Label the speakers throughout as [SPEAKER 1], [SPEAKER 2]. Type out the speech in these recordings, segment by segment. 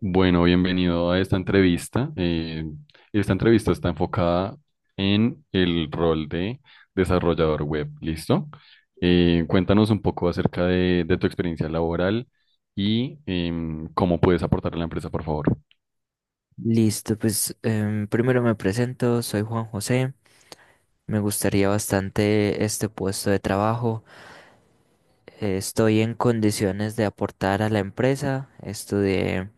[SPEAKER 1] Bueno, bienvenido a esta entrevista. Esta entrevista está enfocada en el rol de desarrollador web, ¿listo? Cuéntanos un poco acerca de tu experiencia laboral y cómo puedes aportar a la empresa, por favor.
[SPEAKER 2] Listo, pues primero me presento, soy Juan José. Me gustaría bastante este puesto de trabajo. Estoy en condiciones de aportar a la empresa. Estudié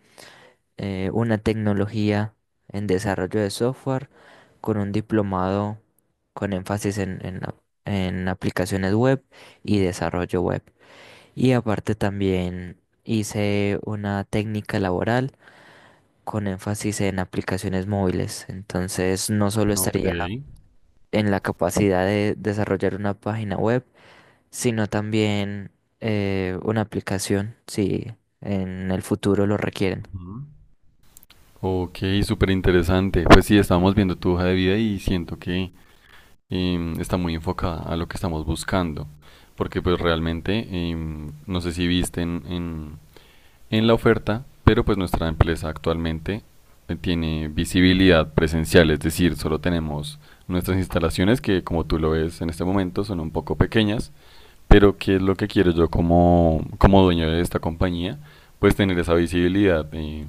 [SPEAKER 2] una tecnología en desarrollo de software con un diplomado con énfasis en en aplicaciones web y desarrollo web. Y aparte también hice una técnica laboral con énfasis en aplicaciones móviles. Entonces, no solo
[SPEAKER 1] Ok.
[SPEAKER 2] estaría en la capacidad de desarrollar una página web, sino también una aplicación, si en el futuro lo requieren.
[SPEAKER 1] Ujú. Ok, súper interesante. Pues sí, estábamos viendo tu hoja de vida y siento que está muy enfocada a lo que estamos buscando, porque pues realmente, no sé si viste en la oferta, pero pues nuestra empresa actualmente tiene visibilidad presencial, es decir, solo tenemos nuestras instalaciones que como tú lo ves en este momento son un poco pequeñas, pero ¿qué es lo que quiero yo como dueño de esta compañía? Pues tener esa visibilidad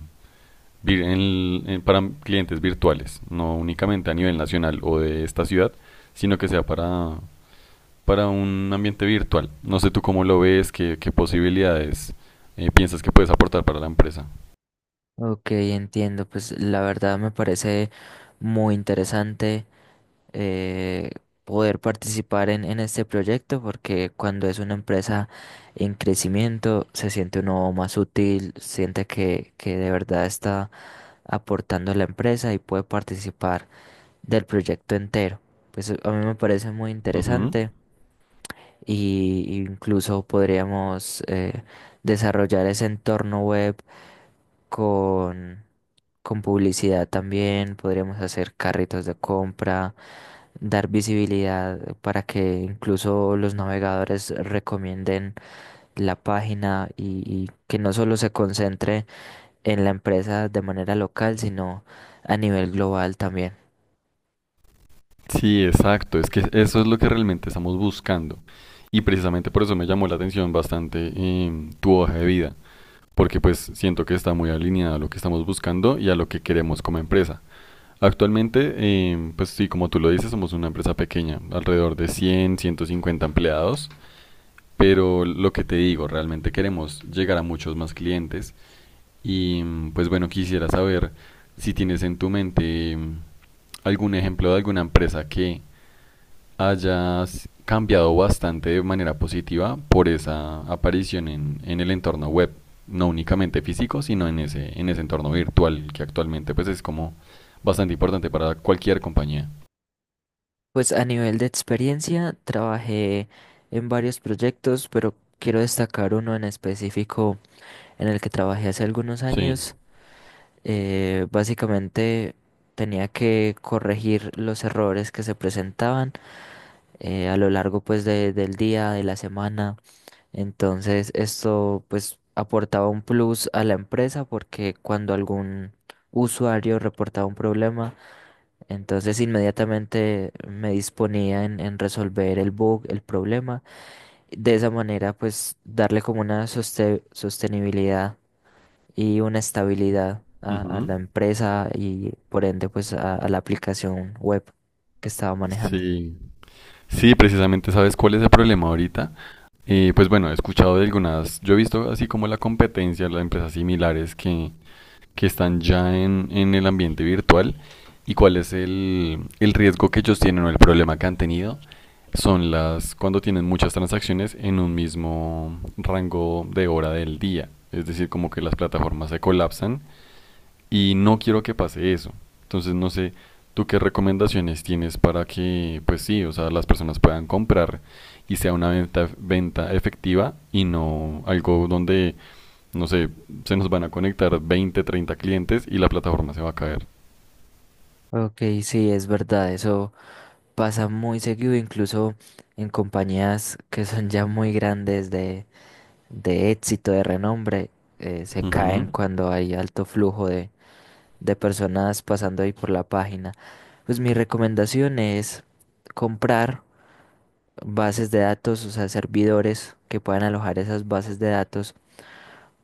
[SPEAKER 1] en para clientes virtuales, no únicamente a nivel nacional o de esta ciudad, sino que sea para un ambiente virtual. No sé tú cómo lo ves, qué posibilidades piensas que puedes aportar para la empresa.
[SPEAKER 2] Ok, entiendo. Pues la verdad me parece muy interesante. eh, Poder participar en este proyecto, porque cuando es una empresa en crecimiento se siente uno más útil, siente que de verdad está aportando a la empresa y puede participar del proyecto entero. Pues a mí me parece muy
[SPEAKER 1] Ujú.
[SPEAKER 2] interesante, y incluso podríamos desarrollar ese entorno web con, con publicidad también. Podríamos hacer carritos de compra, dar visibilidad para que incluso los navegadores recomienden la página, y que no solo se concentre en la empresa de manera local, sino a nivel global también.
[SPEAKER 1] Sí, exacto. Es que eso es lo que realmente estamos buscando. Y precisamente por eso me llamó la atención bastante tu hoja de vida, porque pues siento que está muy alineada a lo que estamos buscando y a lo que queremos como empresa. Actualmente, pues sí, como tú lo dices, somos una empresa pequeña, alrededor de 100, 150 empleados, pero lo que te digo, realmente queremos llegar a muchos más clientes. Y pues bueno, quisiera saber si tienes en tu mente algún ejemplo de alguna empresa que hayas cambiado bastante de manera positiva por esa aparición en el entorno web, no únicamente físico, sino en en ese entorno virtual que actualmente pues es como bastante importante para cualquier compañía.
[SPEAKER 2] Pues a nivel de experiencia trabajé en varios proyectos, pero quiero destacar uno en específico en el que trabajé hace algunos
[SPEAKER 1] Sí.
[SPEAKER 2] años. Básicamente tenía que corregir los errores que se presentaban a lo largo pues del día, de la semana. Entonces, esto pues aportaba un plus a la empresa, porque cuando algún usuario reportaba un problema, entonces inmediatamente me disponía en resolver el bug, el problema. De esa manera, pues darle como una sostenibilidad y una estabilidad a
[SPEAKER 1] Ujú.
[SPEAKER 2] la empresa, y por ende pues a la aplicación web que estaba manejando.
[SPEAKER 1] Sí, sí, precisamente sabes cuál es el problema ahorita. Pues bueno, he escuchado de algunas, yo he visto así como la competencia, las empresas similares que están ya en el ambiente virtual y cuál es el riesgo que ellos tienen o el problema que han tenido son las cuando tienen muchas transacciones en un mismo rango de hora del día. Es decir, como que las plataformas se colapsan y no quiero que pase eso. Entonces, no sé, ¿tú qué recomendaciones tienes para que, pues sí, o sea, las personas puedan comprar y sea una venta, venta efectiva y no algo donde no sé, se nos van a conectar 20, 30 clientes y la plataforma se va a caer.
[SPEAKER 2] Ok, sí, es verdad, eso. Pasa muy seguido, incluso en compañías que son ya muy grandes de éxito, de renombre. Se caen
[SPEAKER 1] Ujú,
[SPEAKER 2] cuando hay alto flujo de personas pasando ahí por la página. Pues mi recomendación es comprar bases de datos, o sea, servidores que puedan alojar esas bases de datos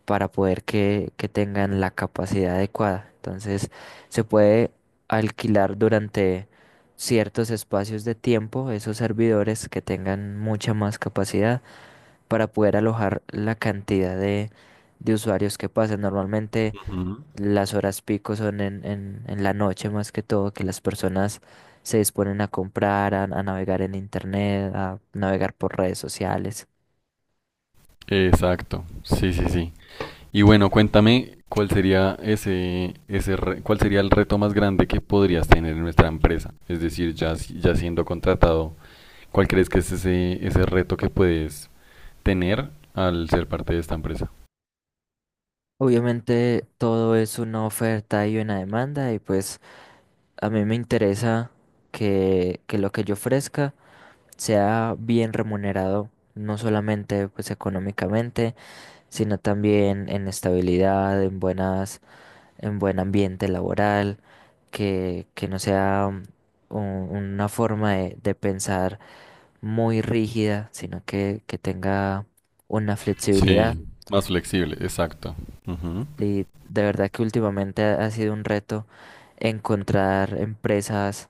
[SPEAKER 2] para poder que tengan la capacidad adecuada. Entonces, se puede alquilar durante ciertos espacios de tiempo esos servidores que tengan mucha más capacidad para poder alojar la cantidad de usuarios que pasen. Normalmente
[SPEAKER 1] ujú.
[SPEAKER 2] las horas pico son en la noche, más que todo, que las personas se disponen a comprar, a navegar en internet, a navegar por redes sociales.
[SPEAKER 1] Exacto, sí, sí, sí. Y bueno, cuéntame cuál sería ese re- cuál sería el reto más grande que podrías tener en nuestra empresa. Es decir, ya, si- ya siendo contratado, ¿cuál crees que es ese reto que puedes tener al ser parte de esta empresa?
[SPEAKER 2] Obviamente todo es una oferta y una demanda, y pues a mí me interesa que lo que yo ofrezca sea bien remunerado, no solamente pues económicamente, sino también en estabilidad, en en buen ambiente laboral, que no sea una forma de pensar muy rígida, sino que tenga una flexibilidad.
[SPEAKER 1] Sí, más flexible, exacto. Ujú.
[SPEAKER 2] Y de verdad que últimamente ha sido un reto encontrar empresas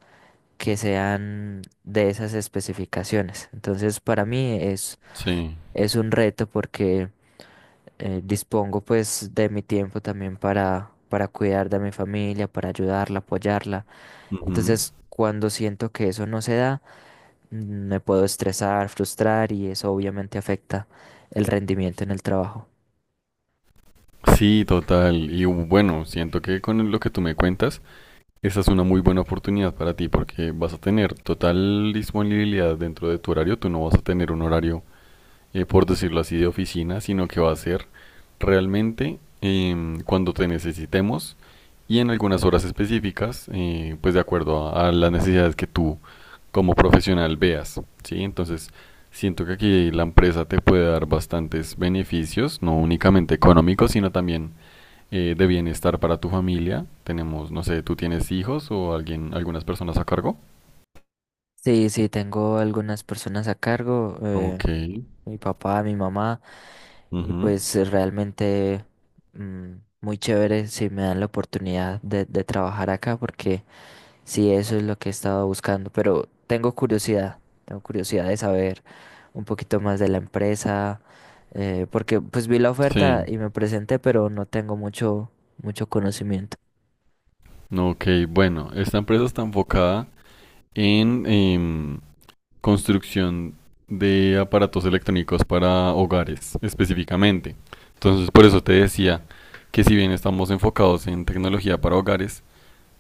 [SPEAKER 2] que sean de esas especificaciones. Entonces, para mí
[SPEAKER 1] Sí.
[SPEAKER 2] es un reto porque dispongo pues de mi tiempo también para cuidar de mi familia, para ayudarla, apoyarla.
[SPEAKER 1] Ujú.
[SPEAKER 2] Entonces, cuando siento que eso no se da, mm, me puedo estresar, frustrar, y eso obviamente afecta el rendimiento en el trabajo.
[SPEAKER 1] Sí, total. Y bueno, siento que con lo que tú me cuentas, esa es una muy buena oportunidad para ti porque vas a tener total disponibilidad dentro de tu horario. Tú no vas a tener un horario, por decirlo así, de oficina, sino que va a ser realmente, cuando te necesitemos y en algunas horas específicas, pues de acuerdo a las necesidades que tú como profesional veas, ¿sí? Entonces, siento que aquí la empresa te puede dar bastantes beneficios, no únicamente económicos, sino también de bienestar para tu familia. Tenemos, no sé, ¿tú tienes hijos o alguien, algunas personas a cargo?
[SPEAKER 2] Sí, sí, tengo algunas personas a cargo.
[SPEAKER 1] Ok.
[SPEAKER 2] Mi papá, mi mamá, y
[SPEAKER 1] Ujú.
[SPEAKER 2] pues realmente mm, muy chévere si me dan la oportunidad de trabajar acá, porque sí, eso es lo que he estado buscando. Pero tengo curiosidad de saber un poquito más de la empresa, porque pues vi la oferta
[SPEAKER 1] Sí.
[SPEAKER 2] y me presenté, pero no tengo mucho, mucho conocimiento.
[SPEAKER 1] No, ok, bueno, esta empresa está enfocada en construcción de aparatos electrónicos para hogares, específicamente. Entonces, por eso te decía que si bien estamos enfocados en tecnología para hogares,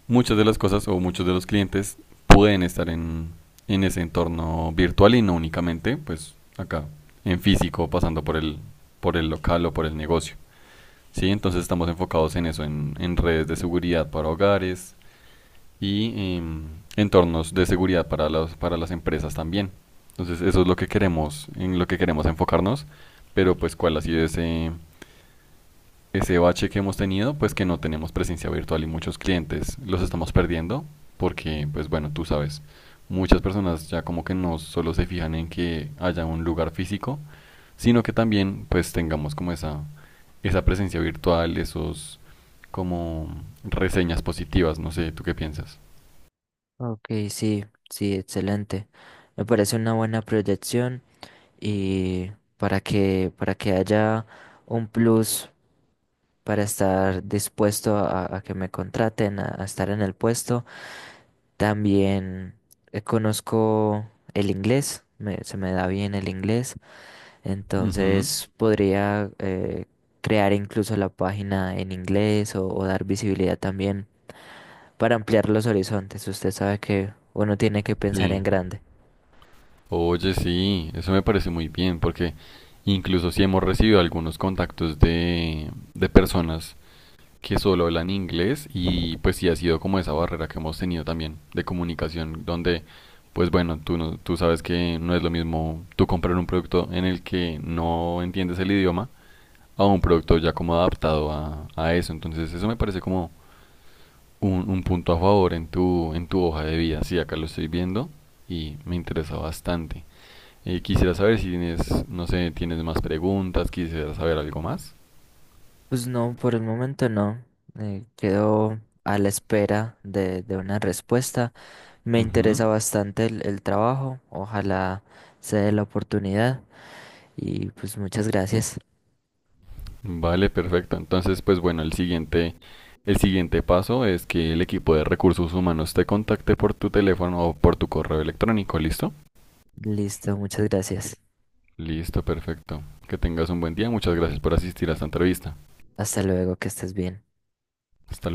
[SPEAKER 1] muchas de las cosas o muchos de los clientes pueden estar en ese entorno virtual y no únicamente pues acá en físico pasando por por el local o por el negocio, ¿sí? Entonces estamos enfocados en eso, en redes de seguridad para hogares y entornos de seguridad para las empresas también. Entonces eso es lo que queremos, en lo que queremos enfocarnos, pero pues cuál ha sido ese bache que hemos tenido, pues que no tenemos presencia virtual y muchos clientes los estamos perdiendo porque, pues bueno, tú sabes, muchas personas ya como que no solo se fijan en que haya un lugar físico, sino que también pues tengamos como esa presencia virtual, esos como reseñas positivas, no sé, ¿tú qué piensas?
[SPEAKER 2] Ok, sí, sí, excelente. Me parece una buena proyección. Y para que haya un plus para estar dispuesto a que me contraten, a estar en el puesto. También conozco el inglés, se me da bien el inglés,
[SPEAKER 1] Ujú.
[SPEAKER 2] entonces podría crear incluso la página en inglés, o dar visibilidad también para ampliar los horizontes. Usted sabe que uno tiene que pensar en
[SPEAKER 1] Sí.
[SPEAKER 2] grande.
[SPEAKER 1] Oye, sí, eso me parece muy bien porque incluso si hemos recibido algunos contactos de personas que solo hablan inglés y pues sí ha sido como esa barrera que hemos tenido también de comunicación donde pues bueno, tú, no- tú sabes que no es lo mismo tú comprar un producto en el que no entiendes el idioma a un producto ya como adaptado a eso. Entonces eso me parece como un punto a favor en en tu hoja de vida. Sí, acá lo estoy viendo y me interesa bastante. Quisiera saber si tienes, no sé, tienes más preguntas, quisiera saber algo más.
[SPEAKER 2] Pues no, por el momento no. Quedo a la espera de una respuesta. Me
[SPEAKER 1] Ujú.
[SPEAKER 2] interesa bastante el trabajo. Ojalá se dé la oportunidad. Y pues muchas gracias.
[SPEAKER 1] Vale, perfecto. Entonces, pues bueno, el siguiente paso es que el equipo de recursos humanos te contacte por tu teléfono o por tu correo electrónico, ¿listo?
[SPEAKER 2] Listo, muchas gracias.
[SPEAKER 1] Listo, perfecto. Que tengas un buen día. Muchas gracias por asistir a esta entrevista.
[SPEAKER 2] Hasta luego, que estés bien.
[SPEAKER 1] Hasta